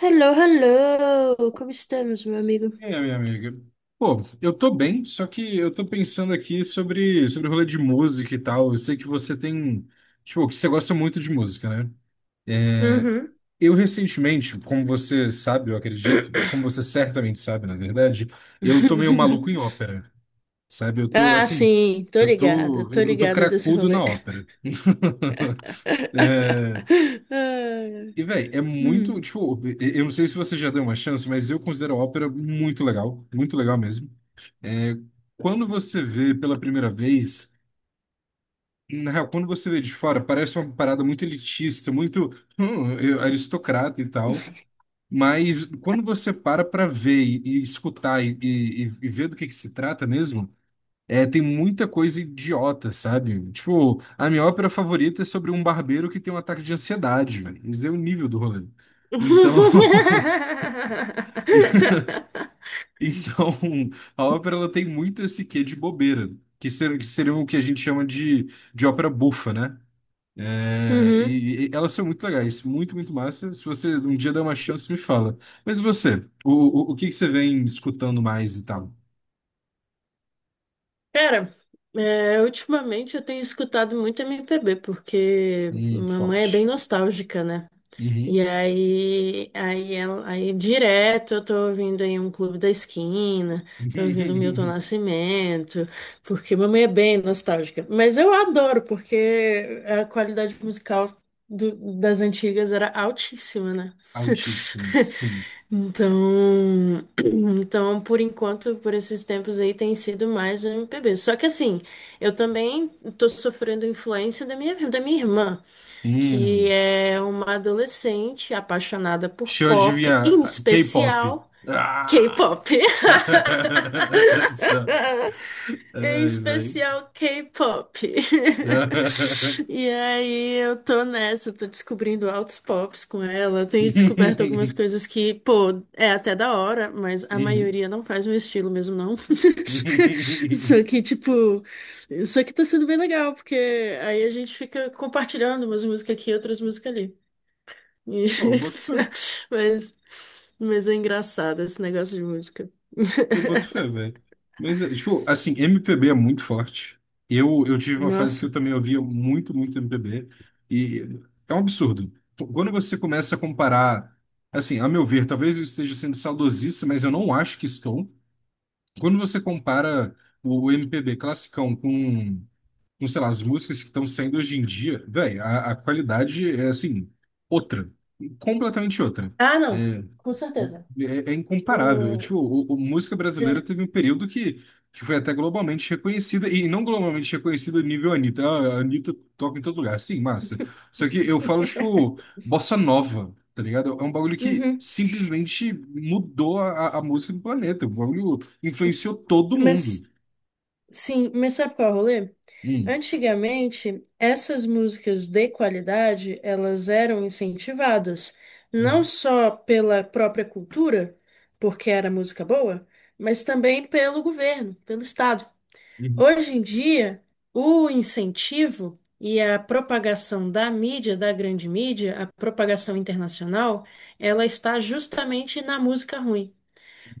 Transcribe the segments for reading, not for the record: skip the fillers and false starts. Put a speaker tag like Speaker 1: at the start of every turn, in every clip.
Speaker 1: Hello, hello! Como estamos, meu amigo?
Speaker 2: E aí, minha amiga? Pô, eu tô bem, só que eu tô pensando aqui sobre o rolê de música e tal. Eu sei que você tem, tipo, que você gosta muito de música, né? É,
Speaker 1: Uhum.
Speaker 2: eu recentemente, como você sabe, eu acredito, como você certamente sabe, na verdade, eu tô meio maluco em ópera, sabe? Eu tô,
Speaker 1: Ah,
Speaker 2: assim,
Speaker 1: sim,
Speaker 2: eu tô,
Speaker 1: tô
Speaker 2: eu tô
Speaker 1: ligada desse
Speaker 2: cracudo na
Speaker 1: rolê.
Speaker 2: ópera. É,
Speaker 1: Ai,
Speaker 2: e, velho, é muito,
Speaker 1: hum.
Speaker 2: tipo, eu não sei se você já deu uma chance, mas eu considero a ópera muito legal mesmo. É, quando você vê pela primeira vez, na real, quando você vê de fora, parece uma parada muito elitista, muito aristocrata e tal. Mas quando você para para ver e escutar e ver do que se trata mesmo, é, tem muita coisa idiota, sabe? Tipo, a minha ópera favorita é sobre um barbeiro que tem um ataque de ansiedade, velho. Isso é o nível do rolê. Então, então, a ópera ela tem muito esse quê de bobeira, que seria o que a gente chama de ópera bufa, né? É,
Speaker 1: Uhum.
Speaker 2: e elas são muito legais, muito, muito massa. Se você um dia der uma chance, me fala. Mas você, o, o que que você vem escutando mais e tal?
Speaker 1: Cara, é, ultimamente eu tenho escutado muito MPB, porque mamãe é bem
Speaker 2: Forte.
Speaker 1: nostálgica, né? E
Speaker 2: Uhum.
Speaker 1: aí, aí, ela- aí direto eu tô ouvindo aí um Clube da Esquina, tô ouvindo Milton Nascimento, porque mamãe é bem nostálgica. Mas eu adoro, porque a qualidade musical do- das antigas era altíssima, né?
Speaker 2: Altíssimo, sim.
Speaker 1: Então, então, por enquanto, por esses tempos aí, tem sido mais o MPB. Só que assim, eu também tô sofrendo influência da minha irmã que
Speaker 2: Hum,
Speaker 1: é uma adolescente apaixonada por
Speaker 2: deixa eu
Speaker 1: pop,
Speaker 2: adivinhar.
Speaker 1: em
Speaker 2: K-pop.
Speaker 1: especial
Speaker 2: Ah!
Speaker 1: K-pop.
Speaker 2: Só.
Speaker 1: Em
Speaker 2: Ai, velho.
Speaker 1: especial K-pop. E aí eu tô nessa, eu tô descobrindo altos pops com ela. Tenho descoberto algumas
Speaker 2: Uhum.
Speaker 1: coisas que, pô, é até da hora, mas a
Speaker 2: Uhum.
Speaker 1: maioria não faz meu estilo mesmo, não. Só
Speaker 2: Uhum.
Speaker 1: que, tipo, isso aqui tá sendo bem legal, porque aí a gente fica compartilhando umas músicas aqui e outras músicas ali. E-
Speaker 2: Pô,
Speaker 1: Mas, mas, é engraçado esse negócio de música.
Speaker 2: eu boto fé, velho. Mas, é, tipo, assim, MPB é muito forte. Eu tive uma fase que
Speaker 1: Nossa.
Speaker 2: eu também ouvia muito, muito MPB. E é um absurdo. Quando você começa a comparar, assim, a meu ver, talvez eu esteja sendo saudosista, mas eu não acho que estou. Quando você compara o MPB classicão com, sei lá, as músicas que estão saindo hoje em dia, velho, a qualidade é assim, outra, completamente outra.
Speaker 1: Ah, não.
Speaker 2: É,
Speaker 1: Com certeza.
Speaker 2: é incomparável. É, tipo,
Speaker 1: Hum,
Speaker 2: música brasileira
Speaker 1: né?
Speaker 2: teve um período que foi até globalmente reconhecida, e não globalmente reconhecida nível Anitta. Ah, a Anitta toca em todo lugar, sim, massa. Só que eu falo, tipo, bossa nova. Tá ligado? É um bagulho que
Speaker 1: Uhum.
Speaker 2: simplesmente mudou a, a música do planeta. O bagulho influenciou todo mundo.
Speaker 1: Mas, sim, mas sabe qual é o rolê?
Speaker 2: Hum.
Speaker 1: Antigamente, essas músicas de qualidade, elas eram incentivadas, não
Speaker 2: Uhum.
Speaker 1: só pela própria cultura, porque era música boa, mas também pelo governo, pelo Estado.
Speaker 2: Uhum.
Speaker 1: Hoje em dia, o incentivo e a propagação da mídia, da grande mídia, a propagação internacional, ela está justamente na música ruim.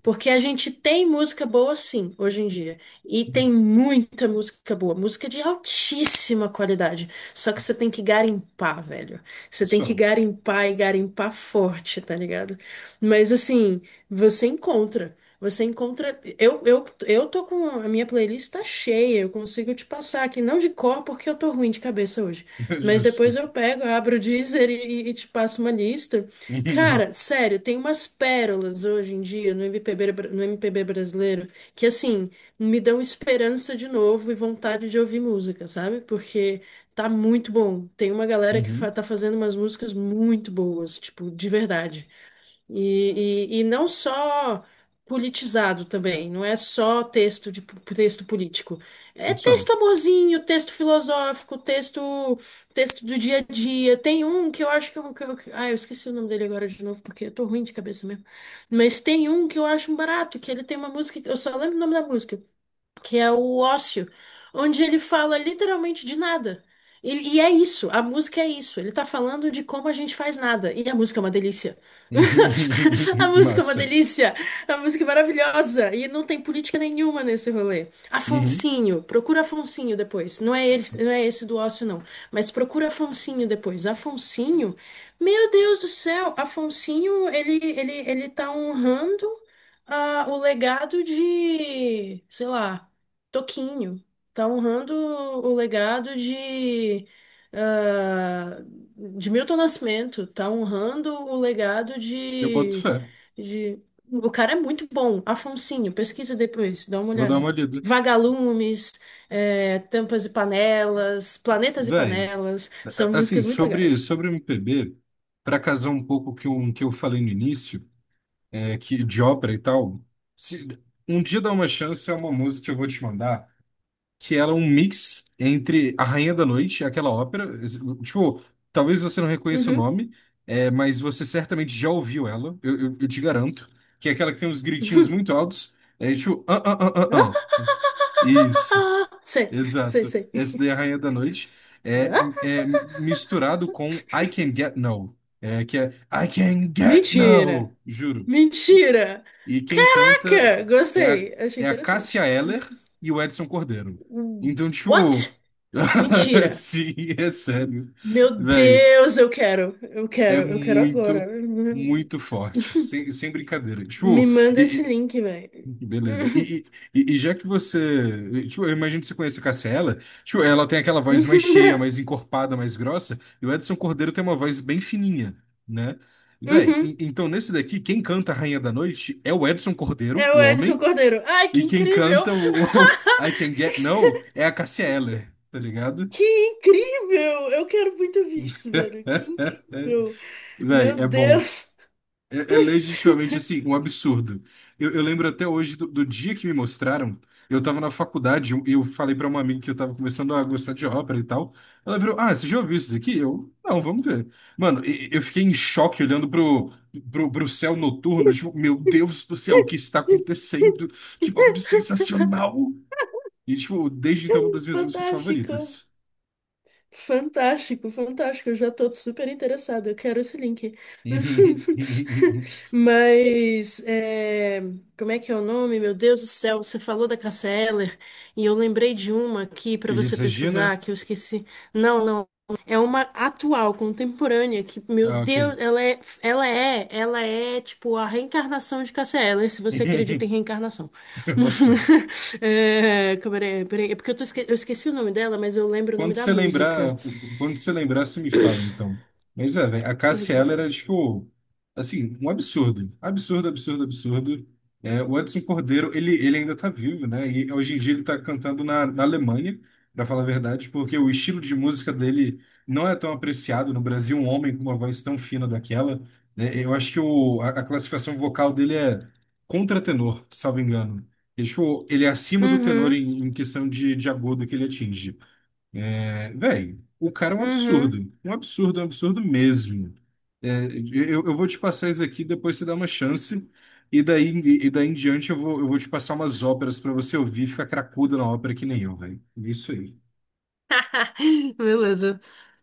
Speaker 1: Porque a gente tem música boa, sim, hoje em dia. E
Speaker 2: Uhum.
Speaker 1: tem muita música boa, música de altíssima qualidade. Só que você tem que garimpar, velho. Você tem que
Speaker 2: Só.
Speaker 1: garimpar e garimpar forte, tá ligado? Mas assim, você encontra. Você encontra. Eu tô com. A minha playlist tá cheia, eu consigo te passar aqui. Não de cor, porque eu tô ruim de cabeça hoje. Mas
Speaker 2: Justo.
Speaker 1: depois eu pego, abro o Deezer e te passo uma lista.
Speaker 2: Uhum.
Speaker 1: Cara, sério, tem umas pérolas hoje em dia no MPB, no MPB brasileiro que, assim, me dão esperança de novo e vontade de ouvir música, sabe? Porque tá muito bom. Tem uma galera que
Speaker 2: Uhum.
Speaker 1: tá fazendo umas músicas muito boas, tipo, de verdade. E não só politizado também, não é só texto político. É
Speaker 2: Só. Uhum.
Speaker 1: texto amorzinho, texto filosófico, texto do dia a dia. Tem um que eu acho ah, eu esqueci o nome dele agora de novo porque eu tô ruim de cabeça mesmo. Mas tem um que eu acho um barato, que ele tem uma música, eu só lembro o nome da música que é o Ócio, onde ele fala literalmente de nada. E é isso, a música é isso. Ele tá falando de como a gente faz nada. E a música é uma delícia. A música é uma
Speaker 2: Massa.
Speaker 1: delícia. A música é maravilhosa. E não tem política nenhuma nesse rolê.
Speaker 2: Uhum.
Speaker 1: Afonsinho, procura Afonsinho depois. Não é ele, não é esse do Ócio, não. Mas procura Afonsinho depois. Afonsinho, meu Deus do céu, Afonsinho, ele tá honrando ah, o legado de, sei lá. Toquinho. Tá honrando o legado ah, de Milton Nascimento. Tá honrando o legado
Speaker 2: Eu boto
Speaker 1: de,
Speaker 2: fé.
Speaker 1: de. O cara é muito bom. Afonsinho, pesquisa depois, dá uma
Speaker 2: Vou dar uma
Speaker 1: olhada.
Speaker 2: olhada.
Speaker 1: Vagalumes, Tampas e Panelas, Planetas e
Speaker 2: Véi,
Speaker 1: Panelas. São
Speaker 2: assim,
Speaker 1: músicas muito
Speaker 2: sobre,
Speaker 1: legais.
Speaker 2: sobre o M P B, para casar um pouco o que eu falei no início, é, que de ópera e tal, se, um dia dá uma chance, é uma música que eu vou te mandar. Que ela é um mix entre A Rainha da Noite, aquela ópera. Tipo, talvez você não reconheça o
Speaker 1: Uhum.
Speaker 2: nome, é, mas você certamente já ouviu ela, eu te garanto. Que é aquela que tem uns gritinhos muito altos. É tipo, ah, ah, ah, ah, ah. Isso,
Speaker 1: Sei, sei,
Speaker 2: exato.
Speaker 1: sei.
Speaker 2: Essa daí é a Rainha da Noite. É,
Speaker 1: Ah?
Speaker 2: é misturado com I Can Get No. É, que é I Can Get
Speaker 1: Mentira!
Speaker 2: No, juro.
Speaker 1: Mentira!
Speaker 2: E quem canta
Speaker 1: Caraca!
Speaker 2: é a,
Speaker 1: Gostei. Achei
Speaker 2: é a Cássia
Speaker 1: interessante.
Speaker 2: Eller e o Edson Cordeiro.
Speaker 1: Hum,
Speaker 2: Então, tipo.
Speaker 1: What? Mentira!
Speaker 2: Sim, é sério.
Speaker 1: Meu
Speaker 2: Velho,
Speaker 1: Deus, eu quero! Eu
Speaker 2: é
Speaker 1: quero, eu quero
Speaker 2: muito,
Speaker 1: agora.
Speaker 2: muito forte. Sem brincadeira.
Speaker 1: Me
Speaker 2: Tipo,
Speaker 1: manda esse
Speaker 2: e-
Speaker 1: link, velho.
Speaker 2: beleza. E, e já que você. Tipo, eu imagino que você conhece a Cássia Eller. Tipo, ela tem aquela voz mais cheia, mais encorpada, mais grossa. E o Edson Cordeiro tem uma voz bem fininha, né? Véi,
Speaker 1: Uhum.
Speaker 2: então nesse daqui, quem canta a Rainha da Noite é o Edson Cordeiro,
Speaker 1: É
Speaker 2: o
Speaker 1: o Edson
Speaker 2: homem.
Speaker 1: Cordeiro. Ai,
Speaker 2: E
Speaker 1: que
Speaker 2: quem
Speaker 1: incrível!
Speaker 2: canta o I Can Get No é a Cássia Eller, tá ligado?
Speaker 1: Que incrível! Eu quero muito ver isso, velho. Que incrível!
Speaker 2: Véi,
Speaker 1: Meu
Speaker 2: é bom.
Speaker 1: Deus!
Speaker 2: É, é legitimamente, assim, um absurdo. Eu lembro até hoje do dia que me mostraram. Eu tava na faculdade e eu falei pra uma amiga que eu tava começando a gostar de ópera e tal. Ela virou, ah, você já ouviu isso daqui? Eu, não, vamos ver. Mano, eu fiquei em choque olhando pro céu noturno. Tipo, meu Deus do céu, o que está acontecendo? Que bagulho sensacional! E, tipo, desde então, é uma das minhas músicas
Speaker 1: Fantástico!
Speaker 2: favoritas.
Speaker 1: Fantástico, fantástico. Eu já tô super interessada. Eu quero esse link. Mas, é, como é que é o nome? Meu Deus do céu, você falou da Cássia Eller e eu lembrei de uma aqui para você
Speaker 2: Elis Regina?
Speaker 1: pesquisar que eu esqueci. Não, não. É uma atual, contemporânea, que, meu
Speaker 2: Ah,
Speaker 1: Deus,
Speaker 2: ok.
Speaker 1: ela é tipo a reencarnação de Cássia Eller, se você acredita em reencarnação.
Speaker 2: Boto fé.
Speaker 1: É, peraí, é porque eu esqueci o nome dela, mas eu lembro o nome
Speaker 2: Quando
Speaker 1: da
Speaker 2: você
Speaker 1: música.
Speaker 2: lembrar, quando você lembrar, você me fala, então. Mas é, velho, a
Speaker 1: Torre
Speaker 2: Cássia
Speaker 1: de
Speaker 2: ela
Speaker 1: Babel.
Speaker 2: era, tipo, assim, um absurdo. Absurdo, absurdo, absurdo. É, o Edson Cordeiro, ele ainda tá vivo, né? E hoje em dia ele tá cantando na, na Alemanha, pra falar a verdade, porque o estilo de música dele não é tão apreciado no Brasil, um homem com uma voz tão fina daquela. Né? Eu acho que o, a classificação vocal dele é contratenor, salvo engano. E, tipo, ele é acima do tenor
Speaker 1: Uhum,
Speaker 2: em, em questão de agudo que ele atinge. É, véi, o cara é um
Speaker 1: uhum.
Speaker 2: absurdo. Um absurdo, um absurdo mesmo. É, eu vou te passar isso aqui, depois você dá uma chance. E daí em diante eu vou te passar umas óperas pra você ouvir e ficar cracudo na ópera que nem eu, velho. Isso aí.
Speaker 1: Beleza,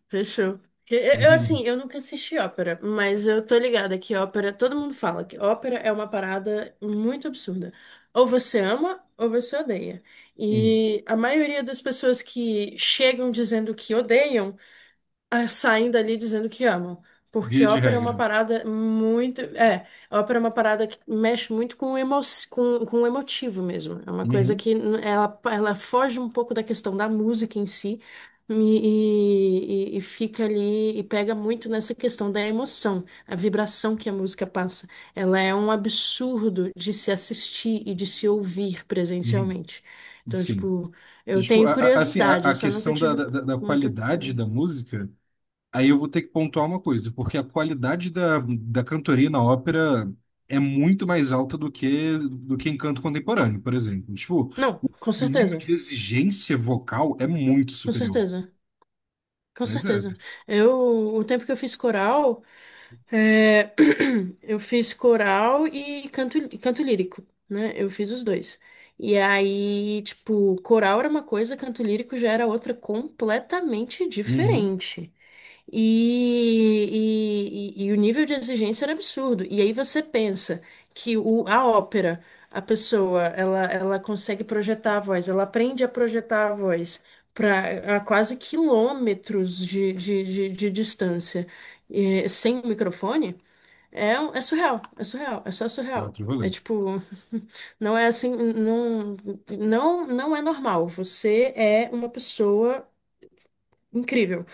Speaker 1: fechou. Eu, eu,
Speaker 2: Uhum,
Speaker 1: assim, eu nunca assisti ópera, mas eu tô ligada que ópera, todo mundo fala que ópera é uma parada muito absurda. Ou você ama ou você odeia.
Speaker 2: uhum.
Speaker 1: E a maioria das pessoas que chegam dizendo que odeiam ah, saem dali dizendo que amam. Porque
Speaker 2: Via de
Speaker 1: ópera é uma
Speaker 2: regra.
Speaker 1: parada muito. É, ópera é uma parada que mexe muito com o emotivo mesmo. É uma coisa
Speaker 2: Uhum,
Speaker 1: que ela foge um pouco da questão da música em si e fica ali e pega muito nessa questão da emoção, a vibração que a música passa. Ela é um absurdo de se assistir e de se ouvir
Speaker 2: uhum.
Speaker 1: presencialmente. Então,
Speaker 2: Sim.
Speaker 1: tipo,
Speaker 2: E,
Speaker 1: eu
Speaker 2: tipo,
Speaker 1: tenho
Speaker 2: assim, a,
Speaker 1: curiosidade, eu
Speaker 2: a
Speaker 1: só nunca
Speaker 2: questão da,
Speaker 1: tive
Speaker 2: da, da- da
Speaker 1: muita.
Speaker 2: qualidade da música. Aí eu vou ter que pontuar uma coisa, porque a qualidade da, da cantoria na ópera é muito mais alta do que em canto contemporâneo, por exemplo. Tipo,
Speaker 1: Não,
Speaker 2: o,
Speaker 1: com
Speaker 2: o nível de
Speaker 1: certeza,
Speaker 2: exigência vocal é muito
Speaker 1: com
Speaker 2: superior.
Speaker 1: certeza, com
Speaker 2: Mas é.
Speaker 1: certeza. Eu, o tempo que eu fiz coral, é, eu fiz coral e canto lírico, né? Eu fiz os dois. E aí, tipo, coral era uma coisa, canto lírico já era outra completamente
Speaker 2: Uhum.
Speaker 1: diferente. E o nível de exigência era absurdo. E aí você pensa que a ópera, a pessoa, ela consegue projetar a voz, ela aprende a projetar a voz para a quase quilômetros de distância, sem microfone, é surreal, é surreal, é só
Speaker 2: É
Speaker 1: surreal.
Speaker 2: outro
Speaker 1: É
Speaker 2: rolê.
Speaker 1: tipo, não é assim, não, não, não é normal. Você é uma pessoa incrível.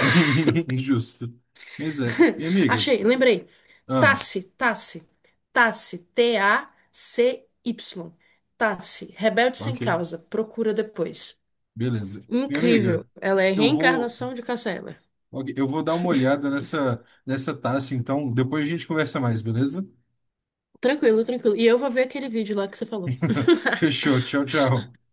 Speaker 2: Justo. Mas é. Minha amiga.
Speaker 1: Achei, lembrei.
Speaker 2: Ah,
Speaker 1: Tassi, Tassi, Tassi, Tacy, Tassi, Rebelde Sem
Speaker 2: ok.
Speaker 1: Causa, procura depois.
Speaker 2: Beleza. Minha
Speaker 1: Incrível,
Speaker 2: amiga,
Speaker 1: ela é a
Speaker 2: eu vou,
Speaker 1: reencarnação de Cassia Eller.
Speaker 2: ok, eu vou dar uma olhada nessa, nessa taça, então depois a gente conversa mais, beleza?
Speaker 1: Tranquilo, tranquilo. E eu vou ver aquele vídeo lá que você falou.
Speaker 2: Fechou. Tchau, tchau.